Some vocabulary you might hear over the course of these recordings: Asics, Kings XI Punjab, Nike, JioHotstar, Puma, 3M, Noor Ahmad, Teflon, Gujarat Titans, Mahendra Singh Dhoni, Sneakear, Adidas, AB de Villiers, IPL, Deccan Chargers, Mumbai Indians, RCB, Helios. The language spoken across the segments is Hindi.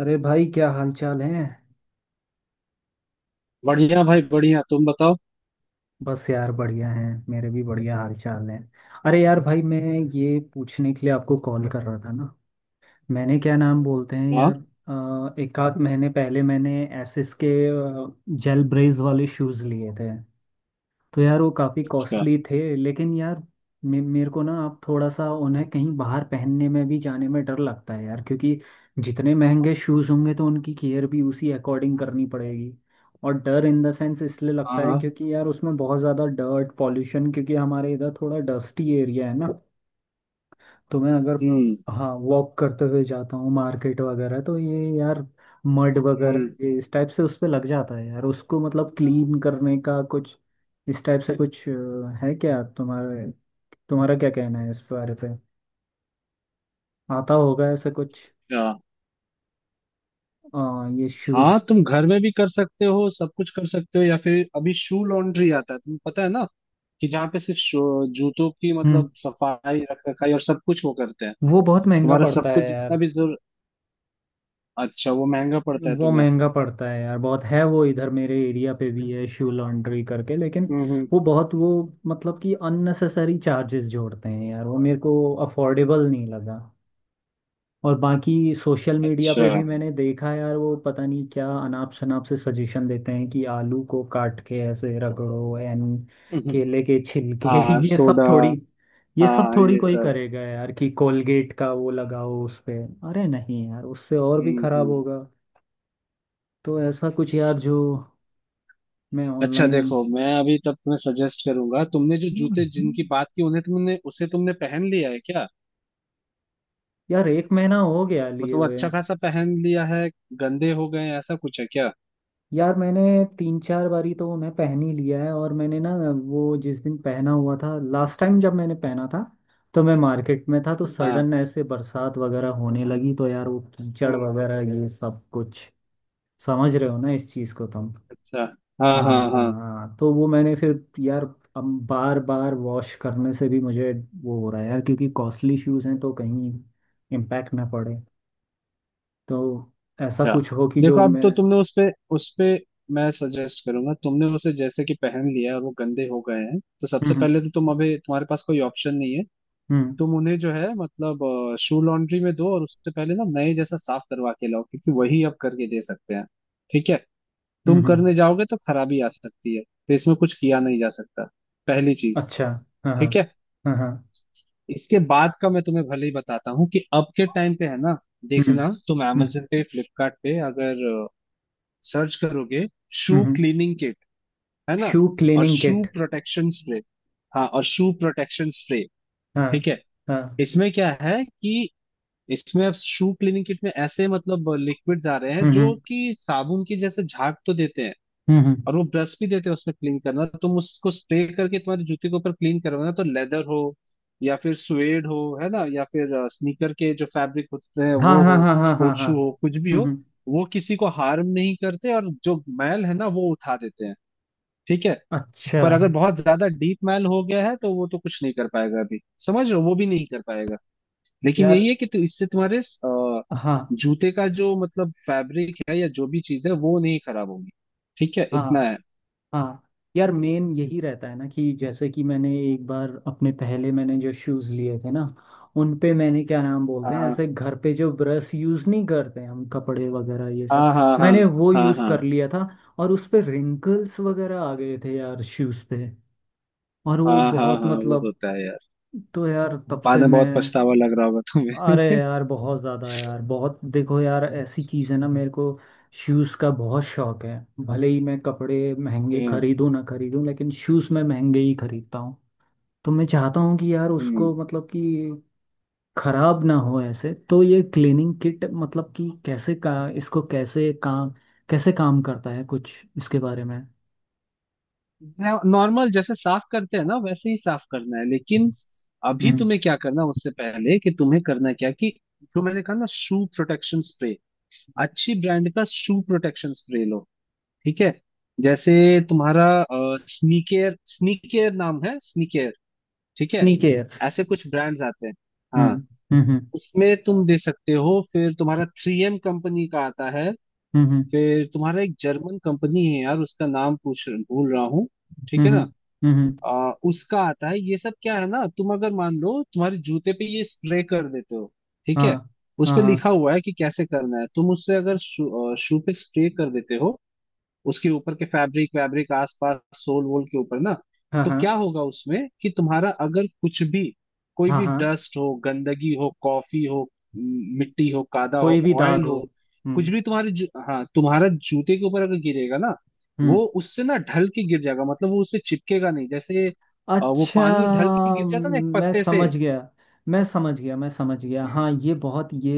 अरे भाई क्या हाल चाल है। बढ़िया भाई बढ़िया। तुम बताओ। बस यार बढ़िया है। मेरे भी बढ़िया हाल चाल है। अरे यार भाई मैं ये पूछने के लिए आपको कॉल कर रहा था ना। मैंने क्या नाम बोलते हैं हाँ। यार, एक आध महीने पहले मैंने एसिस के जेल ब्रेस वाले शूज़ लिए थे। तो यार वो काफ़ी अच्छा। कॉस्टली थे, लेकिन यार मे मेरे को ना अब थोड़ा सा उन्हें कहीं बाहर पहनने में भी जाने में डर लगता है यार, क्योंकि जितने महंगे शूज़ होंगे तो उनकी केयर भी उसी अकॉर्डिंग करनी पड़ेगी। और डर इन द सेंस इसलिए हाँ लगता है हाँ। क्योंकि यार उसमें बहुत ज़्यादा डर्ट पॉल्यूशन, क्योंकि हमारे इधर थोड़ा डस्टी एरिया है ना। तो मैं अगर हम्म हाँ वॉक करते हुए जाता हूँ मार्केट वगैरह तो ये यार मड वगैरह हम्म ये इस टाइप से उस पे लग जाता है यार, उसको मतलब क्लीन करने का कुछ इस टाइप से कुछ है क्या तुम्हारे? तुम्हारा क्या कहना है इस बारे पे? आता होगा ऐसे कुछ? अच्छा। अ, ये शूज। हाँ तुम घर में भी कर सकते हो, सब कुछ कर सकते हो, या फिर अभी शू लॉन्ड्री आता है, तुम्हें पता है ना कि जहाँ पे सिर्फ जूतों की हम्म। मतलब सफाई रख रखाई और सब कुछ वो करते हैं। वो बहुत महंगा तुम्हारा सब पड़ता है कुछ जितना यार। भी जरूर। अच्छा वो महंगा पड़ता है वो तुम्हें। महंगा पड़ता है यार, बहुत है वो इधर मेरे एरिया पे भी है शू लॉन्ड्री करके, लेकिन हम्म हम्म वो बहुत वो मतलब कि अननेसेसरी चार्जेस जोड़ते हैं यार, वो मेरे को अफोर्डेबल नहीं लगा। और बाकी सोशल मीडिया अच्छा। पे भी मैंने देखा यार, वो पता नहीं क्या अनाप शनाप से सजेशन देते हैं कि आलू को काट के ऐसे रगड़ो एंड हम्म, केले के छिलके हाँ ये सब सोडा। थोड़ी, ये सब हाँ थोड़ी ये कोई सब। करेगा यार, कि कोलगेट का वो लगाओ उस पे। अरे नहीं यार, उससे और भी हम्म खराब हम्म होगा। तो ऐसा कुछ यार जो मैं अच्छा, ऑनलाइन। देखो मैं अभी तब तुम्हें सजेस्ट करूंगा। तुमने जो जूते जिनकी बात की उन्हें तुमने उसे तुमने पहन लिया है क्या? यार एक महीना हो गया लिए मतलब वो हुए। अच्छा खासा पहन लिया है। गंदे हो गए हैं, ऐसा कुछ है क्या? यार मैंने तीन चार बारी तो उन्हें पहन ही लिया है। और मैंने ना वो जिस दिन पहना हुआ था लास्ट टाइम जब मैंने पहना था, तो मैं मार्केट में था तो हाँ। सडन ऐसे बरसात वगैरह होने लगी तो यार वो कीचड़ हम्म, वगैरह ये सब कुछ। समझ रहे हो ना इस चीज़ को तुम? अच्छा। हाँ हाँ हाँ हाँ। हाँ, तो वो मैंने फिर यार अब बार बार वॉश करने से भी मुझे वो हो रहा है यार, क्योंकि कॉस्टली शूज़ हैं तो कहीं इम्पैक्ट ना पड़े। तो ऐसा क्या, कुछ हो कि देखो जो अब मैं। तो तुमने उस पे मैं सजेस्ट करूंगा। तुमने उसे जैसे कि पहन लिया है और वो गंदे हो गए हैं तो सबसे हम्म। पहले तो तुम, अभी तुम्हारे पास कोई ऑप्शन नहीं है। हम्म। तुम उन्हें जो है मतलब शू लॉन्ड्री में दो और उससे पहले ना नए जैसा साफ करवा के लाओ क्योंकि वही अब करके दे सकते हैं, ठीक है। हम्म। तुम करने जाओगे तो खराबी आ सकती है, तो इसमें कुछ किया नहीं जा सकता, पहली चीज। अच्छा। हाँ हाँ ठीक है, हाँ हाँ। इसके बाद का मैं तुम्हें भले ही बताता हूँ कि अब के टाइम पे है ना, हम्म देखना तुम हम्म। amazon पे, फ्लिपकार्ट पे अगर सर्च करोगे, हम्म शू हम्म, क्लीनिंग किट, है ना, शू और cleaning shoe kit. Protection spray. हाँ, और शू प्रोटेक्शन स्प्रे, हाँ ठीक है। हाँ। इसमें क्या है कि इसमें अब शू क्लीनिंग किट में ऐसे मतलब लिक्विड्स आ रहे हैं हम्म जो हम्म कि साबुन की जैसे झाग तो देते हैं, हम्म, हम्म, और वो ब्रश भी देते हैं उसमें। क्लीन करना, तुम उसको स्प्रे करके तुम्हारे जूते के ऊपर क्लीन करवाना, तो लेदर हो या फिर स्वेड हो, है ना, या फिर स्नीकर के जो फैब्रिक होते हैं हाँ वो हाँ हो, हाँ हाँ हाँ स्पोर्ट हाँ। शू हो, कुछ भी हम्म हो, हम्म, वो किसी को हार्म नहीं करते और जो मैल है ना वो उठा देते हैं, ठीक है। अच्छा। पर अगर बहुत ज्यादा डीप मैल हो गया है तो वो तो कुछ नहीं कर पाएगा अभी, समझ रहे हो, वो भी नहीं कर पाएगा। लेकिन यार यही है कि इससे तुम्हारे हाँ। जूते का जो मतलब फैब्रिक है या जो भी चीज है वो नहीं खराब होगी, ठीक है, इतना हाँ है। हाँ। यार मेन यही रहता है ना कि जैसे कि मैंने एक बार अपने पहले मैंने जो शूज़ लिए थे ना, उन पे मैंने क्या नाम हाँ बोलते हैं हाँ। ऐसे घर पे जो ब्रश यूज़ नहीं करते हम कपड़े वगैरह ये सब, हाँ हाँ हाँ। मैंने वो हाँ यूज़ हाँ कर लिया था। और उस पे रिंकल्स वगैरह आ गए थे यार शूज़ पे, और वो हाँ। हाँ बहुत हाँ वो मतलब होता है यार। तो यार तब बाद से में बहुत मैं। पछतावा लग रहा होगा तुम्हें। अरे यार बहुत ज़्यादा यार बहुत। देखो यार ऐसी चीज़ है ना, मेरे को शूज़ का बहुत शौक है। भले ही मैं कपड़े महंगे हाँ, खरीदूं ना खरीदूं, लेकिन शूज़ मैं महंगे ही खरीदता हूँ। तो मैं चाहता हूँ कि यार उसको हम्म मतलब कि खराब ना हो ऐसे। तो ये क्लीनिंग किट मतलब कि कैसे का इसको कैसे काम, कैसे काम करता है कुछ इसके बारे में? नॉर्मल जैसे साफ करते हैं ना वैसे ही साफ करना है, लेकिन अभी हम्म। तुम्हें क्या करना है, उससे पहले कि तुम्हें करना क्या कि जो मैंने कहा ना, शू प्रोटेक्शन स्प्रे, अच्छी ब्रांड का शू प्रोटेक्शन स्प्रे लो, ठीक है। जैसे तुम्हारा स्नीकेयर स्नीकेयर नाम है, स्नीकेयर, ठीक है, स्नीक केयर। ऐसे कुछ ब्रांड्स आते हैं। हम्म हाँ। हम्म। उसमें तुम दे सकते हो, फिर तुम्हारा थ्री एम कंपनी का आता है, हम्म फिर तुम्हारा एक जर्मन कंपनी है यार उसका नाम पूछ भूल रहा हूँ, ठीक हम्म है ना, हम्म हम्म, उसका आता है। ये सब क्या है ना, तुम अगर मान लो तुम्हारे जूते पे ये स्प्रे कर देते हो, ठीक हाँ है, उस हाँ पे हाँ लिखा हुआ है कि कैसे करना है। तुम उससे अगर शू पे स्प्रे कर देते हो उसके ऊपर के फैब्रिक वैब्रिक आसपास सोल वोल के ऊपर ना, हाँ तो क्या हाँ होगा उसमें कि तुम्हारा अगर कुछ भी, कोई हाँ भी हाँ। डस्ट हो, गंदगी हो, कॉफी हो, म, मिट्टी हो, कादा हो, कोई भी दाग ऑयल हो। हो, कुछ हम्म भी तुम्हारे हाँ तुम्हारा जूते के ऊपर अगर गिरेगा ना, वो हम्म, उससे ना ढल के गिर जाएगा, मतलब वो उससे चिपकेगा नहीं। जैसे वो अच्छा। पानी ढल के गिर जाता ना एक मैं पत्ते से। समझ गया। मैं समझ गया, मैं समझ गया, हम्म, हाँ ये बहुत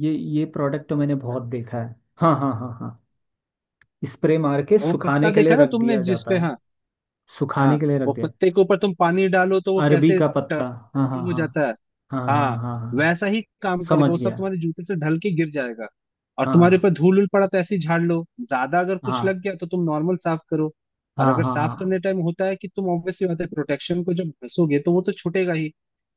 ये प्रोडक्ट तो मैंने बहुत देखा है। हाँ हाँ हाँ हाँ। स्प्रे मार के वो सुखाने पत्ता के देखा लिए ना रख तुमने, दिया जाता जिसपे है। हाँ हाँ सुखाने के लिए रख वो दिया। कुत्ते के ऊपर तुम पानी डालो तो वो अरबी कैसे का ट- पत्ता। हाँ हाँ हो हाँ। जाता है। हाँ हाँ, हाँ हाँ हाँ। वैसा ही काम करेगा, वो समझ सब गया। तुम्हारे जूते से ढल के गिर जाएगा। और तुम्हारे हाँ ऊपर धूल उल पड़ा तो ऐसे ही झाड़ लो, ज्यादा अगर कुछ हाँ लग गया तो तुम नॉर्मल साफ करो। और हाँ, अगर हाँ साफ हाँ करने टाइम होता है कि तुम ऑब्वियसली बात है प्रोटेक्शन को जब घसोगे तो वो तो छूटेगा ही।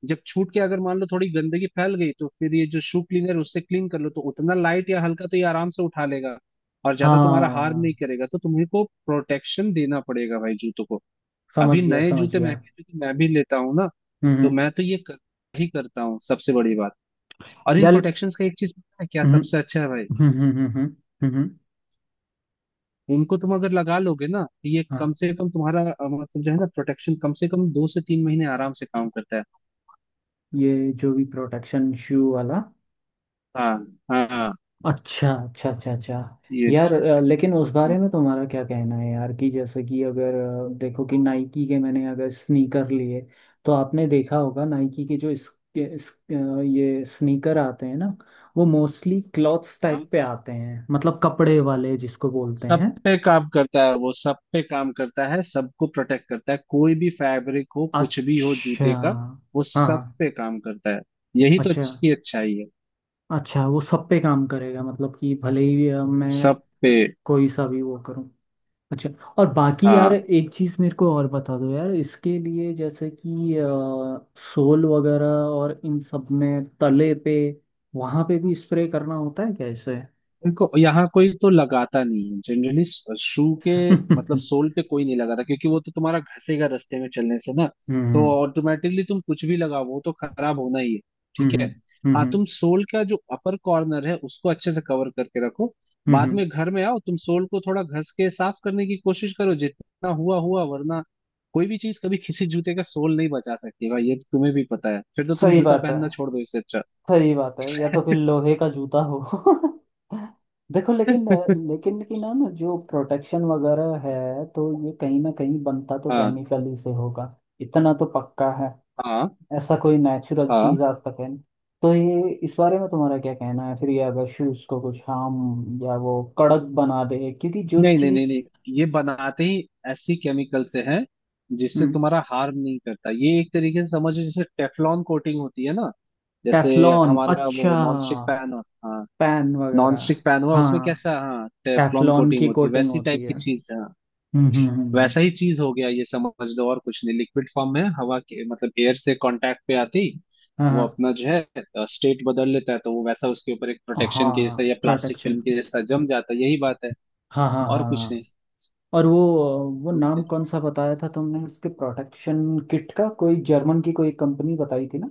जब छूट के अगर मान लो थोड़ी गंदगी फैल गई तो फिर ये जो शू क्लीनर है उससे क्लीन कर लो, तो उतना लाइट या हल्का तो ये आराम से उठा लेगा, और ज्यादा तुम्हारा हार्म हाँ, नहीं करेगा। तो तुम्हें को प्रोटेक्शन देना पड़ेगा भाई जूतों को। अभी समझ गया नए समझ जूते, गया। महंगे जूते मैं भी लेता हूँ ना, तो हम्म। मैं तो ही करता हूँ, सबसे बड़ी बात। और इन यार प्रोटेक्शंस का एक चीज पता है क्या हम्म सबसे अच्छा है भाई, हम्म हम्म हम्म हम्म हम्म, इनको तुम अगर लगा लोगे ना तो ये कम हाँ। से कम तुम्हारा मतलब जो है ना प्रोटेक्शन कम से कम दो से तीन महीने आराम से काम करता है। ये जो भी प्रोटेक्शन शू वाला। हाँ हाँ हाँ, अच्छा अच्छा अच्छा अच्छा। ये यार लेकिन उस बारे हम्म, में तुम्हारा क्या कहना है यार कि जैसे कि अगर देखो कि नाइकी के मैंने अगर स्नीकर लिए, तो आपने देखा होगा नाइकी के जो इस, के- इस, ये स्नीकर आते हैं ना, वो मोस्टली क्लॉथ्स हाँ, टाइप हाँ, पे आते हैं, मतलब कपड़े वाले जिसको बोलते सब हैं। पे काम करता है, वो सब पे काम करता है, सबको प्रोटेक्ट करता है, कोई भी फैब्रिक हो, कुछ भी हो अच्छा। जूते का, वो हाँ सब हाँ। पे काम करता है। यही तो अच्छा अच्छी अच्छाई है। अच्छा, वो सब पे काम करेगा मतलब कि भले ही मैं सब पे। कोई सा भी वो करूँ। अच्छा। और बाकी यार हाँ एक चीज़ मेरे को और बता दो यार इसके लिए, जैसे कि सोल वगैरह और इन सब में तले पे, वहाँ पे भी स्प्रे करना होता है कैसे? देखो यहाँ कोई तो लगाता नहीं है जनरली, शू के मतलब हम्म सोल पे कोई नहीं लगाता क्योंकि वो तो तुम्हारा घसेगा रास्ते में चलने से ना, तो हम्म ऑटोमेटिकली तुम कुछ भी लगाओ वो तो खराब होना ही है, ठीक है। हम्म हाँ, तुम सोल का जो अपर कॉर्नर है उसको अच्छे से कवर करके रखो, बाद हम्म। में घर में आओ तुम सोल को थोड़ा घस के साफ करने की कोशिश करो, जितना हुआ हुआ, वरना कोई भी चीज कभी किसी जूते का सोल नहीं बचा सकती भाई, ये तो तुम्हें भी पता है, फिर तो तुम सही जूता बात है, पहनना छोड़ दो इससे अच्छा। सही बात है, या तो फिर लोहे का जूता हो। देखो लेकिन लेकिन कि ना ना जो प्रोटेक्शन वगैरह है तो ये कहीं ना कहीं बनता तो हाँ केमिकल ही से होगा, इतना तो पक्का है। हाँ ऐसा कोई नेचुरल हाँ, चीज आज तक है नहीं। तो ये इस बारे में तुम्हारा क्या कहना है फिर, ये अगर शूज को कुछ हम या वो कड़क बना दे क्योंकि जो नहीं नहीं नहीं चीज। नहीं ये बनाते ही ऐसी केमिकल से है जिससे हम्म। तुम्हारा हार्म नहीं करता। ये एक तरीके से समझो जैसे टेफलॉन कोटिंग होती है ना, जैसे टेफलॉन हमारा अच्छा। वो नॉन स्टिक पैन हो। हाँ, पैन नॉन वगैरह। स्टिक पैन हुआ उसमें हाँ कैसा, हाँ टेफलॉन टेफलॉन कोटिंग की होती है, कोटिंग वैसी होती टाइप है। की चीज है, हाँ, हम्म हम्म हम्म, हम्म, वैसा ही चीज हो गया ये, समझ लो और कुछ नहीं। लिक्विड फॉर्म में हवा के मतलब एयर से कांटेक्ट पे आती वो हाँ अपना जो है स्टेट बदल लेता है, तो वो वैसा उसके ऊपर एक हाँ प्रोटेक्शन के जैसा या प्लास्टिक प्रोटेक्शन। फिल्म के जैसा जम जाता है, यही बात है हाँ हाँ और हाँ कुछ हाँ। और वो नाम नहीं। कौन सा बताया था तुमने इसके, प्रोटेक्शन किट का कोई जर्मन की कोई कंपनी बताई थी ना।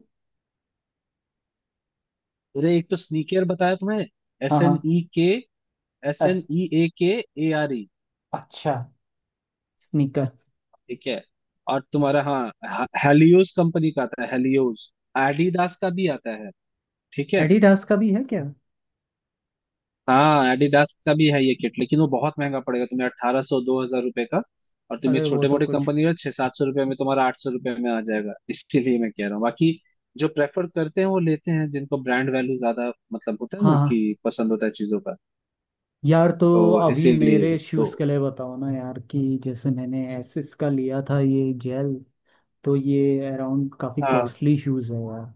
अरे एक तो स्नीकर बताया तुम्हें, हाँ एस हाँ। N E K, S S. N E A K, A R E, अच्छा स्नीकर। ठीक है। और तुम्हारा हाँ हेलियोस कंपनी का आता है, हेलियोस, एडिडास का भी आता है, ठीक है। एडिडास का भी है क्या? हाँ एडिडास का भी है ये किट, लेकिन वो बहुत महंगा पड़ेगा तुम्हें, अट्ठारह सौ दो हजार रुपये का। और तुम ये अरे वो छोटे तो मोटे कुछ। कंपनी का छह सात सौ रुपये में, तुम्हारा आठ सौ रुपये में आ जाएगा, इसीलिए मैं कह रहा हूँ। बाकी जो प्रेफर करते हैं वो लेते हैं, जिनको ब्रांड वैल्यू ज्यादा मतलब होता है हाँ ना हाँ। कि पसंद होता है चीजों का। यार तो तो अभी इसीलिए मेरे तो शूज़ के लिए बताओ ना यार, कि जैसे मैंने एसिस का लिया था ये जेल, तो ये अराउंड काफ़ी हाँ कॉस्टली शूज़ है यार।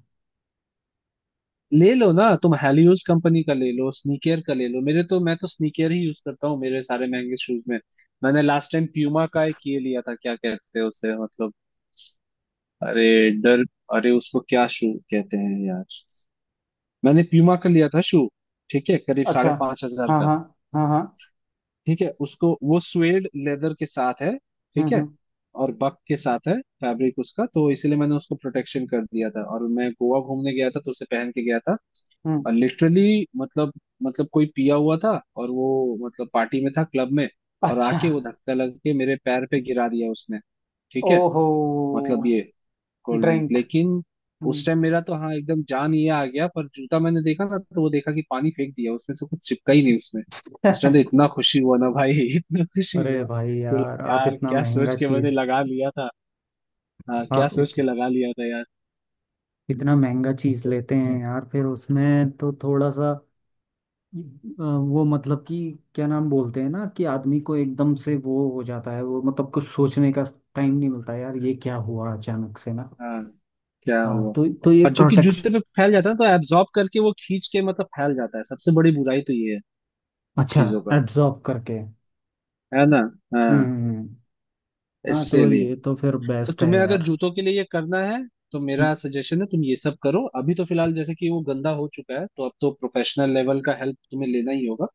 ले लो ना तुम, हेलियोस कंपनी का ले लो, स्नीकर का ले लो, मेरे तो मैं तो स्नीकर ही यूज करता हूँ मेरे सारे महंगे शूज में। मैंने लास्ट टाइम प्यूमा का एक ये लिया था, क्या कहते हैं उसे मतलब, अरे, डर, अरे उसको क्या शू कहते हैं यार, मैंने प्यूमा का लिया था शू, ठीक है, करीब अच्छा। साढ़े पांच हजार हाँ का, हाँ। हाँ हाँ। ठीक है। उसको वो स्वेड लेदर के साथ है, हम्म ठीक है, हम्म और बक के साथ है फैब्रिक उसका, तो इसलिए मैंने उसको प्रोटेक्शन कर दिया था। और मैं गोवा घूमने गया था तो उसे पहन के गया था, हम्म, और लिटरली मतलब, मतलब कोई पिया हुआ था और वो मतलब पार्टी में था क्लब में, और अच्छा। आके वो धक्का लग के मेरे पैर पे गिरा दिया उसने, ठीक है, ओहो। मतलब ये कोल्ड ड्रिंक। ड्रिंक। लेकिन उस टाइम मेरा तो हाँ एकदम जान ये आ गया, पर जूता मैंने देखा था तो वो देखा कि पानी फेंक दिया, उसमें से कुछ चिपका ही नहीं उसमें। उस टाइम तो इतना खुशी हुआ ना भाई, इतना खुशी अरे हुआ भाई कि यार बोला आप यार इतना क्या सोच महंगा के मैंने चीज़। लगा लिया था, हाँ क्या आप सोच इत, के लगा लिया था यार। इतना महंगा चीज़ लेते हैं यार, फिर उसमें तो थोड़ा सा वो मतलब कि क्या नाम बोलते हैं ना कि आदमी को एकदम से वो हो जाता है वो मतलब कुछ सोचने का टाइम नहीं मिलता यार, ये क्या हुआ अचानक से ना। हाँ। क्या हाँ हुआ, तो ये और जो कि जूते प्रोटेक्शन। पे फैल जाता है तो एब्जॉर्ब करके वो खींच के मतलब फैल जाता है, सबसे बड़ी बुराई तो ये है अच्छा। चीजों का, एब्जॉर्ब करके। है ना, हाँ, हम्म हम्म, हम्म। हाँ तो इसलिए ये तो फिर तो बेस्ट है तुम्हें अगर यार। जूतों के लिए ये करना है तो हम्म, मेरा सजेशन है तुम ये सब करो। अभी तो फिलहाल जैसे कि वो गंदा हो चुका है तो अब तो प्रोफेशनल लेवल का हेल्प तुम्हें लेना ही होगा,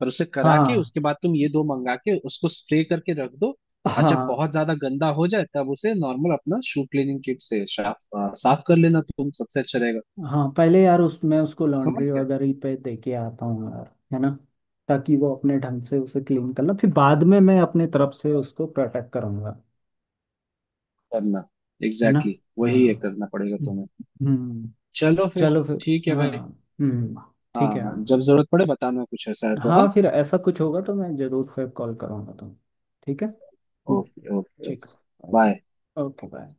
पर उसे करा के हाँ उसके बाद तुम ये दो मंगा के उसको स्प्रे करके रख दो। और जब हाँ। बहुत ज्यादा गंदा हो जाए तब उसे नॉर्मल अपना शू क्लीनिंग किट से साफ साफ कर लेना तुम, सबसे अच्छा रहेगा। हाँ पहले यार उस मैं उसको लॉन्ड्री समझ वगैरह पे दे के आता हूँ यार, है ना, ताकि वो अपने ढंग से उसे क्लीन कर ले, फिर बाद में मैं अपने तरफ से उसको प्रोटेक्ट करूंगा। करना है ना। एग्जैक्टली exactly, हाँ। वही है, करना पड़ेगा हम्म तुम्हें। हम्म। चलो फिर, चलो फिर ठीक है हाँ। भाई। हम्म। हाँ ठीक है हाँ हाँ। जब जरूरत पड़े बताना, कुछ ऐसा है तो हाँ। हाँ फिर ऐसा कुछ होगा तो मैं जरूर फिर कॉल करूँगा तुम। ठीक है। हम्म, ओके ओके। ठीक है। ओके। बाय। Okay bye.